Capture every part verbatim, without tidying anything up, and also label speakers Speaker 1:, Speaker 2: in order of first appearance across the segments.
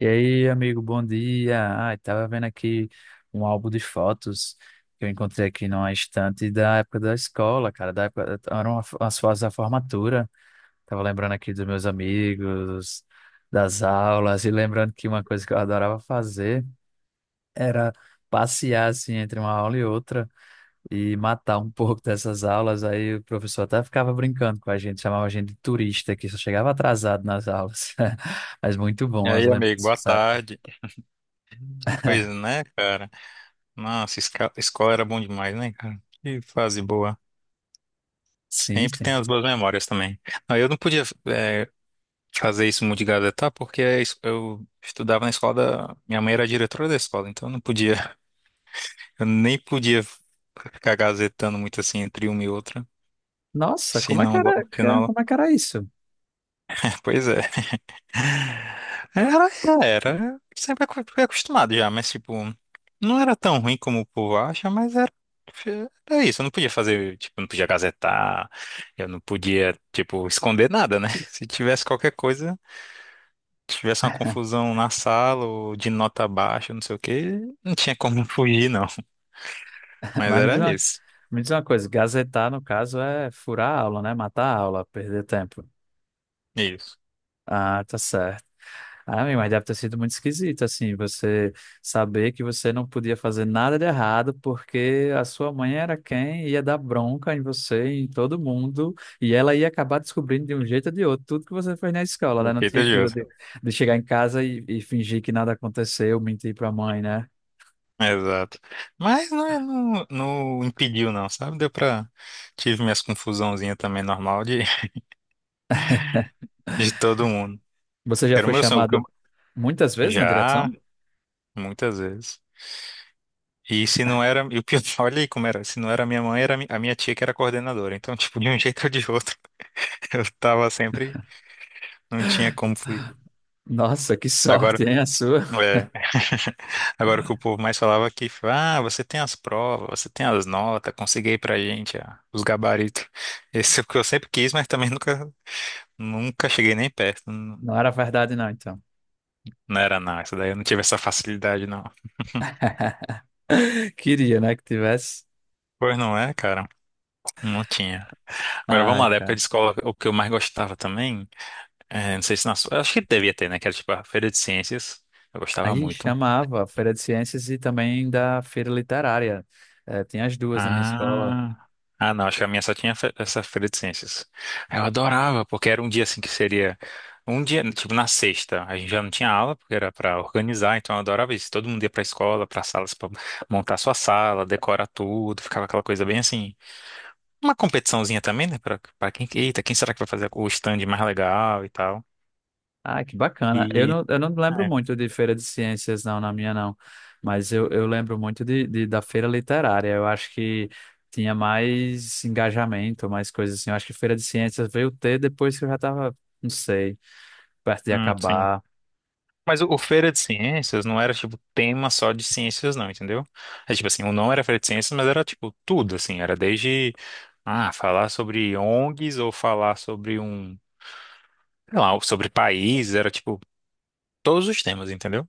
Speaker 1: E aí, amigo, bom dia. Ah, tava vendo aqui um álbum de fotos que eu encontrei aqui numa estante da época da escola, cara, da época, eram as fotos da formatura. Tava lembrando aqui dos meus amigos, das aulas e lembrando que uma coisa que eu adorava fazer era passear assim entre uma aula e outra e matar um pouco dessas aulas. Aí o professor até ficava brincando com a gente, chamava a gente de turista, que só chegava atrasado nas aulas. Mas muito
Speaker 2: E
Speaker 1: bom as
Speaker 2: aí, amigo,
Speaker 1: lembranças
Speaker 2: boa
Speaker 1: dessa época.
Speaker 2: tarde. Pois né, cara? Nossa, esca- escola era bom demais, né, cara? Que fase boa.
Speaker 1: Sim,
Speaker 2: Sempre
Speaker 1: sim.
Speaker 2: tem as boas memórias também. Não, eu não podia é, fazer isso muito de gazetar, porque a es- eu estudava na escola da... Minha mãe era diretora da escola, então eu não podia... Eu nem podia ficar gazetando muito assim entre uma e outra.
Speaker 1: Nossa,
Speaker 2: Se
Speaker 1: como é que
Speaker 2: não... go-
Speaker 1: era,
Speaker 2: Se
Speaker 1: ca-
Speaker 2: não...
Speaker 1: como é que era isso?
Speaker 2: Pois é. Era, era. Sempre acu- fui acostumado já, mas tipo, não era tão ruim como o povo acha, mas era, era isso. Eu não podia fazer, tipo, não podia gazetar, eu não podia, tipo, esconder nada, né? Se tivesse qualquer coisa, tivesse uma confusão na sala ou de nota baixa, não sei o quê, não tinha como fugir, não. Mas
Speaker 1: Mas me diz
Speaker 2: era
Speaker 1: uma,
Speaker 2: isso.
Speaker 1: me diz uma coisa, gazetar, no caso, é furar a aula, né? Matar a aula, perder tempo.
Speaker 2: Isso.
Speaker 1: Ah, tá certo. Ah, meu, mas deve ter sido muito esquisito, assim, você saber que você não podia fazer nada de errado porque a sua mãe era quem ia dar bronca em você, em todo mundo, e ela ia acabar descobrindo de um jeito ou de outro tudo que você fez na escola, né? Não
Speaker 2: Efeito
Speaker 1: tinha aquilo
Speaker 2: Josa.
Speaker 1: de, de chegar em casa e, e fingir que nada aconteceu, mentir pra mãe, né?
Speaker 2: Exato. Mas não, é, não, não impediu, não, sabe? Deu pra. Tive minhas confusãozinhas também normal de, de todo mundo.
Speaker 1: Você já
Speaker 2: Era o
Speaker 1: foi
Speaker 2: meu sonho. o que eu-
Speaker 1: chamado muitas vezes na
Speaker 2: Já,
Speaker 1: direção?
Speaker 2: muitas vezes. E se não era. E o pior, olha aí como era. Se não era minha mãe, era mi- a minha tia que era coordenadora. Então, tipo, de um jeito ou de outro, eu tava sempre. Não tinha como fugir.
Speaker 1: Nossa, que
Speaker 2: Agora,
Speaker 1: sorte, hein, a sua?
Speaker 2: é, agora o que o povo mais falava aqui, ah, você tem as provas, você tem as notas, consegui aí pra gente, ah, os gabaritos. Esse é o que eu sempre quis, mas também nunca, nunca cheguei nem perto. Não,
Speaker 1: Não era verdade, não, então.
Speaker 2: não era nada. Isso daí eu não tive essa facilidade, não.
Speaker 1: Queria, né, que tivesse.
Speaker 2: Pois não é, cara? Não tinha. Agora vamos
Speaker 1: Ai,
Speaker 2: lá, da época
Speaker 1: cara.
Speaker 2: de escola, o que eu mais gostava também, é, não sei se na sua, eu acho que devia ter, né, que era tipo a feira de ciências, eu gostava
Speaker 1: Aí
Speaker 2: muito.
Speaker 1: chamava Feira de Ciências e também da Feira Literária. Eh, tinha as duas na minha escola.
Speaker 2: Ah, ah não, acho que a minha só tinha fe- essa feira de ciências. Eu adorava, porque era um dia assim que seria, um dia, tipo na sexta, a gente já não tinha aula, porque era para organizar, então eu adorava isso, todo mundo ia pra escola, pra salas, para montar sua sala, decorar tudo, ficava aquela coisa bem assim, uma competiçãozinha também, né, para para quem, eita, quem será que vai fazer o stand mais legal e tal.
Speaker 1: Ah, que bacana. Eu
Speaker 2: E...
Speaker 1: não, eu não lembro
Speaker 2: é.
Speaker 1: muito de feira de ciências, não, na minha não. Mas eu, eu lembro muito de, de- da feira literária. Eu acho que tinha mais engajamento, mais coisas assim. Eu acho que feira de ciências veio ter depois que eu já estava, não sei, perto de
Speaker 2: Hum, sim.
Speaker 1: acabar.
Speaker 2: Mas o, o Feira de Ciências não era, tipo, tema só de ciências, não, entendeu? É tipo assim, o não era Feira de Ciências, mas era, tipo, tudo, assim. Era desde, ah, falar sobre O N Gs ou falar sobre um, sei lá, sobre país. Era, tipo, todos os temas, entendeu?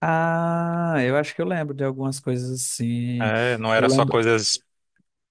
Speaker 1: Ah, eu acho que eu lembro de algumas coisas assim.
Speaker 2: É, não
Speaker 1: Eu
Speaker 2: era só
Speaker 1: lembro.
Speaker 2: coisas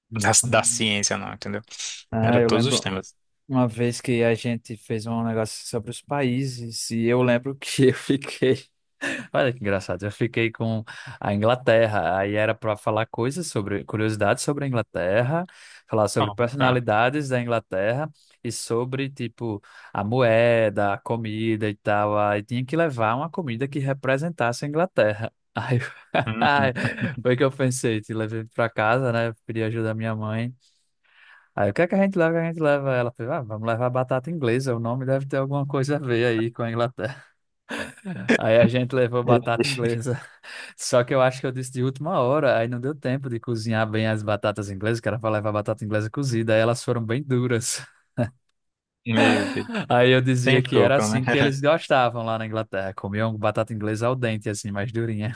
Speaker 2: da, da ciência, não, entendeu?
Speaker 1: Ah,
Speaker 2: Era
Speaker 1: eu
Speaker 2: todos os
Speaker 1: lembro.
Speaker 2: temas.
Speaker 1: Uma vez que a gente fez um negócio sobre os países, e eu lembro que eu fiquei. Olha que engraçado, eu fiquei com a Inglaterra, aí era para falar coisas sobre, curiosidades sobre a Inglaterra, falar sobre
Speaker 2: Bom, tá.
Speaker 1: personalidades da Inglaterra e sobre, tipo, a moeda, a comida e tal. Aí tinha que levar uma comida que representasse a Inglaterra. Aí
Speaker 2: Uhum.
Speaker 1: foi que eu pensei, te levei para casa, né? Pedi ajuda à minha mãe. Aí o que é que a gente leva? A gente leva ela. Falei, ah, vamos levar batata inglesa. O nome deve ter alguma coisa a ver aí com a Inglaterra. Aí a gente levou batata inglesa. Só que eu acho que eu disse de última hora. Aí não deu tempo de cozinhar bem as batatas inglesas, que era para levar batata inglesa cozida. Aí elas foram bem duras.
Speaker 2: Meu Deus.
Speaker 1: Aí eu dizia que
Speaker 2: Tentou,
Speaker 1: era
Speaker 2: pelo menos.
Speaker 1: assim que eles gostavam lá na Inglaterra. Comiam batata inglesa ao dente, assim, mais durinha.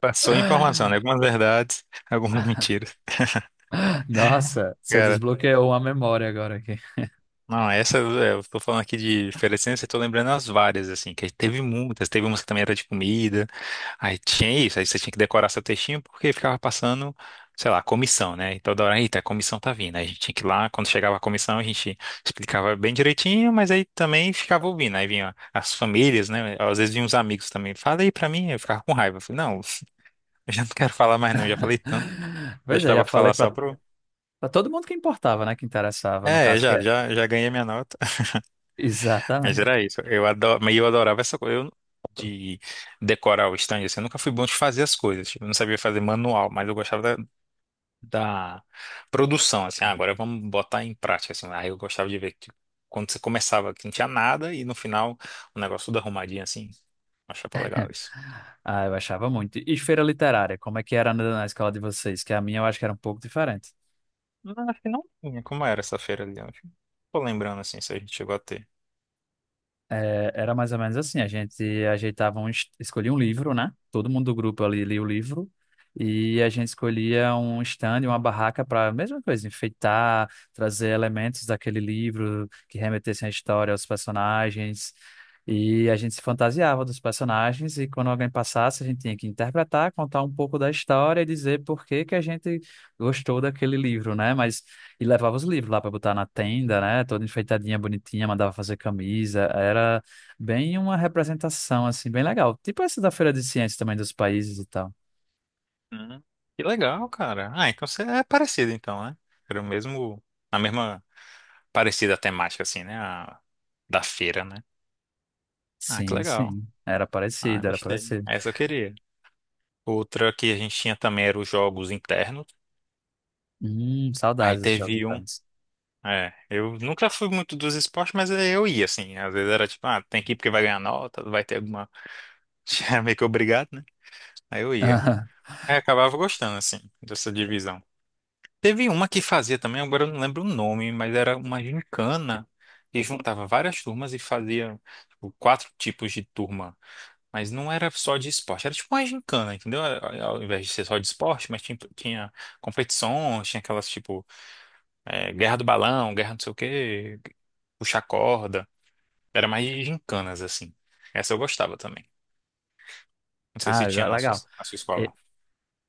Speaker 2: Passou informação, né? Algumas verdades, algumas mentiras.
Speaker 1: Nossa, você
Speaker 2: Cara,
Speaker 1: desbloqueou uma memória agora aqui.
Speaker 2: não, essa é, eu tô falando aqui de oferecendo, eu tô lembrando as várias, assim, que teve muitas, teve umas que também era de comida, aí tinha isso, aí você tinha que decorar seu textinho porque ficava passando, sei lá, comissão, né? E toda hora, eita, a comissão tá vindo. Aí a gente tinha que ir lá, quando chegava a comissão, a gente explicava bem direitinho, mas aí também ficava ouvindo, aí vinha as famílias, né? Às vezes vinham os amigos também, fala aí pra mim, eu ficava com raiva, eu falei, não, eu já não quero falar mais não, já falei tanto, eu
Speaker 1: Pois é,
Speaker 2: estava
Speaker 1: já
Speaker 2: a
Speaker 1: falei
Speaker 2: falar só
Speaker 1: para
Speaker 2: pro...
Speaker 1: todo mundo que importava, né? Que interessava, no
Speaker 2: É,
Speaker 1: caso, que
Speaker 2: já,
Speaker 1: é.
Speaker 2: já, já ganhei minha nota. Mas
Speaker 1: Exatamente.
Speaker 2: era isso. Eu adoro, mas eu adorava essa coisa eu- de decorar o stand. Assim, eu nunca fui bom de fazer as coisas. Tipo, eu não sabia fazer manual, mas eu gostava da, da produção. Assim, ah, agora vamos botar em prática. Assim, aí eu gostava de ver que quando você começava que não tinha nada e no final o negócio tudo arrumadinho assim. Achava legal isso.
Speaker 1: Ah, eu achava muito. E feira literária, como é que era na na escola de vocês? Que a minha eu acho que era um pouco diferente.
Speaker 2: Não, acho que não tinha. Como era essa feira ali? Eu acho que- não tô lembrando assim, se a gente chegou a ter.
Speaker 1: É, era mais ou menos assim, a gente ajeitava um, es- escolhia um livro, né? Todo mundo do grupo ali lia o livro e a gente escolhia um stand, uma barraca para a mesma coisa, enfeitar, trazer elementos daquele livro que remetessem à história, aos personagens. E a gente se fantasiava dos personagens e quando alguém passasse, a gente tinha que interpretar, contar um pouco da história e dizer por que que a gente gostou daquele livro, né? Mas e levava os livros lá para botar na tenda, né? Toda enfeitadinha, bonitinha, mandava fazer camisa. Era bem uma representação, assim, bem legal. Tipo essa da Feira de Ciências também dos países e tal.
Speaker 2: Hum, que legal, cara. Ah, então você é parecido então, né? Era o mesmo, a mesma parecida temática assim, né? Da feira, né? Ah, que
Speaker 1: Sim,
Speaker 2: legal.
Speaker 1: sim. Era
Speaker 2: Ah,
Speaker 1: parecido, era
Speaker 2: gostei.
Speaker 1: parecido.
Speaker 2: Essa eu queria. Outra que a gente tinha também era os jogos internos.
Speaker 1: Hum,
Speaker 2: Aí
Speaker 1: saudades desses jogos
Speaker 2: teve um.
Speaker 1: internos.
Speaker 2: É, eu nunca fui muito dos esportes, mas é, eu ia, assim. Às vezes era tipo, ah, tem que ir porque vai ganhar nota, vai ter alguma. Era meio que obrigado, né? Aí eu ia. Aí acabava gostando, assim, dessa divisão. Teve uma que fazia também, agora eu não lembro o nome, mas era uma gincana que juntava várias turmas e fazia, tipo, quatro tipos de turma. Mas não era só de esporte, era tipo uma gincana, entendeu? Era- Ao invés de ser só de esporte, mas tinha, tinha competições, tinha aquelas tipo é, guerra do balão, guerra não sei o quê, puxar corda. Era mais de gincanas, assim. Essa eu gostava também. Não sei
Speaker 1: Ah,
Speaker 2: se tinha na sua,
Speaker 1: legal.
Speaker 2: na sua escola.
Speaker 1: E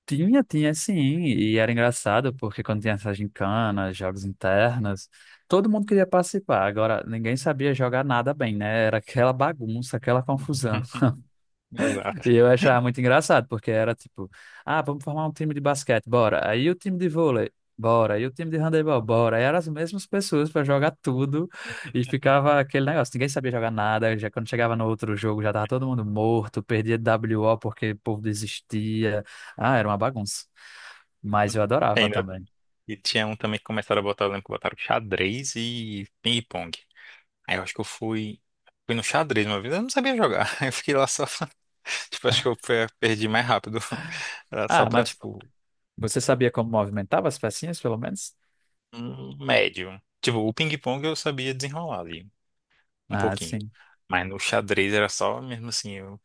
Speaker 1: tinha, tinha sim. E era engraçado porque quando tinha essas gincanas, jogos internos, todo mundo queria participar. Agora, ninguém sabia jogar nada bem, né? Era aquela bagunça, aquela confusão.
Speaker 2: Exato.
Speaker 1: E eu achava muito engraçado, porque era tipo, ah, vamos formar um time de basquete, bora. Aí o time de vôlei, bora. Aí o time de handebol, bora. Aí eram as mesmas pessoas para jogar tudo e ficava aquele negócio, ninguém sabia jogar nada. Já quando chegava no outro jogo, já tava todo mundo morto, perdia W O porque o povo desistia. Ah, era uma bagunça. Mas eu adorava
Speaker 2: Ainda,
Speaker 1: também.
Speaker 2: e tinha um também que começaram a botar, eu lembro que botaram xadrez e ping-pong. Aí eu acho que eu fui, fui no xadrez uma vez, eu não sabia jogar. Aí eu fiquei lá só. Tipo, acho que eu pe- perdi mais rápido. Era só
Speaker 1: Ah,
Speaker 2: pra,
Speaker 1: mas
Speaker 2: tipo,
Speaker 1: você sabia como movimentava as pecinhas, pelo menos?
Speaker 2: um médio. Tipo, o ping-pong eu sabia desenrolar ali, um
Speaker 1: Ah,
Speaker 2: pouquinho.
Speaker 1: sim.
Speaker 2: Mas no xadrez era só mesmo assim, eu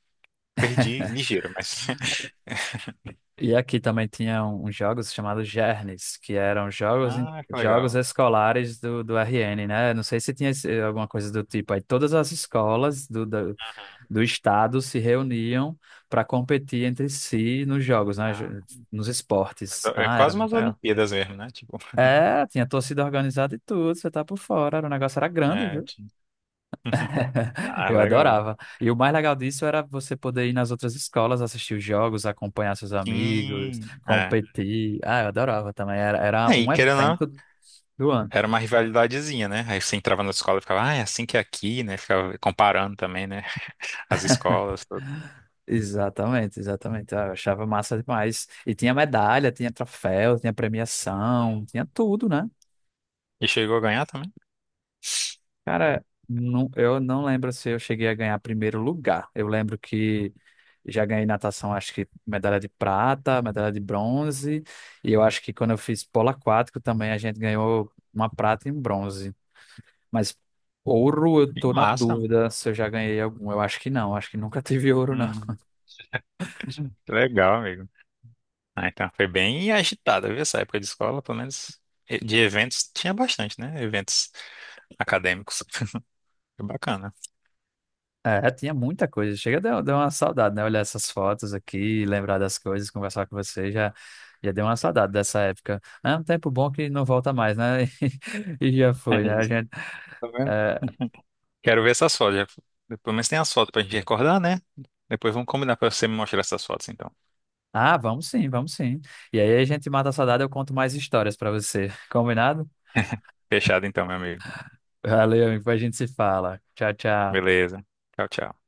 Speaker 2: perdi ligeiro, mas.
Speaker 1: E aqui também tinha um- uns jogos chamados Gernes, que eram jogos, em-
Speaker 2: Ah, que
Speaker 1: jogos
Speaker 2: legal.
Speaker 1: escolares do, do R N, né? Não sei se tinha esse- alguma coisa do tipo. Aí todas as escolas do, do,
Speaker 2: Aham.
Speaker 1: do estado se reuniam para competir entre si nos jogos, né?
Speaker 2: Ah,
Speaker 1: Jo- nos
Speaker 2: mas
Speaker 1: esportes.
Speaker 2: é
Speaker 1: Ah, era
Speaker 2: quase
Speaker 1: muito
Speaker 2: umas
Speaker 1: legal.
Speaker 2: Olimpíadas mesmo, né? Tipo,
Speaker 1: É, tinha torcida organizada e tudo, você tá por fora. Era, o negócio era grande,
Speaker 2: é.
Speaker 1: viu?
Speaker 2: Tipo- Ah,
Speaker 1: Eu
Speaker 2: legal.
Speaker 1: adorava. E o mais legal disso era você poder ir nas outras escolas, assistir os jogos, acompanhar seus amigos,
Speaker 2: Sim, é.
Speaker 1: competir. Ah, eu adorava também. Era, era
Speaker 2: Aí,
Speaker 1: um
Speaker 2: querendo ou não.
Speaker 1: evento do ano.
Speaker 2: Era uma rivalidadezinha, né? Aí você entrava na escola e ficava, ah, é assim que é aqui, né? Ficava comparando também, né? As escolas. Tudo.
Speaker 1: Exatamente, exatamente. Ah, eu achava massa demais. E tinha medalha, tinha troféu, tinha
Speaker 2: Uhum.
Speaker 1: premiação, tinha tudo, né?
Speaker 2: E chegou a ganhar também?
Speaker 1: Cara, não, eu não lembro se eu cheguei a ganhar primeiro lugar. Eu lembro que já ganhei natação, acho que medalha de prata, medalha de bronze. E eu acho que quando eu fiz polo aquático também a gente ganhou uma prata e um bronze. Mas ouro eu
Speaker 2: Que
Speaker 1: tô na
Speaker 2: massa.
Speaker 1: dúvida se eu já ganhei algum. Eu acho que não, acho que nunca tive ouro, não.
Speaker 2: Uhum. Que legal, amigo. Ah, então, foi bem agitada, viu? Essa época de escola, pelo menos e- de eventos, tinha bastante, né? Eventos acadêmicos. Foi bacana.
Speaker 1: É, tinha muita coisa. Chega, deu, deu uma saudade, né? Olhar essas fotos aqui, lembrar das coisas, conversar com você, já, já deu uma saudade dessa época. É um tempo bom que não volta mais, né? E, já foi,
Speaker 2: É
Speaker 1: né? A
Speaker 2: isso.
Speaker 1: gente,
Speaker 2: Tá vendo?
Speaker 1: é,
Speaker 2: Quero ver essas fotos. já- Pelo menos tem as fotos pra gente recordar, né? Depois vamos combinar pra você me mostrar essas fotos, então.
Speaker 1: ah, vamos sim, vamos sim. E aí a gente mata a saudade, eu conto mais histórias pra você. Combinado?
Speaker 2: Fechado, então, meu amigo.
Speaker 1: Valeu, amigo, depois a gente se fala. Tchau, tchau.
Speaker 2: Beleza. Tchau, tchau.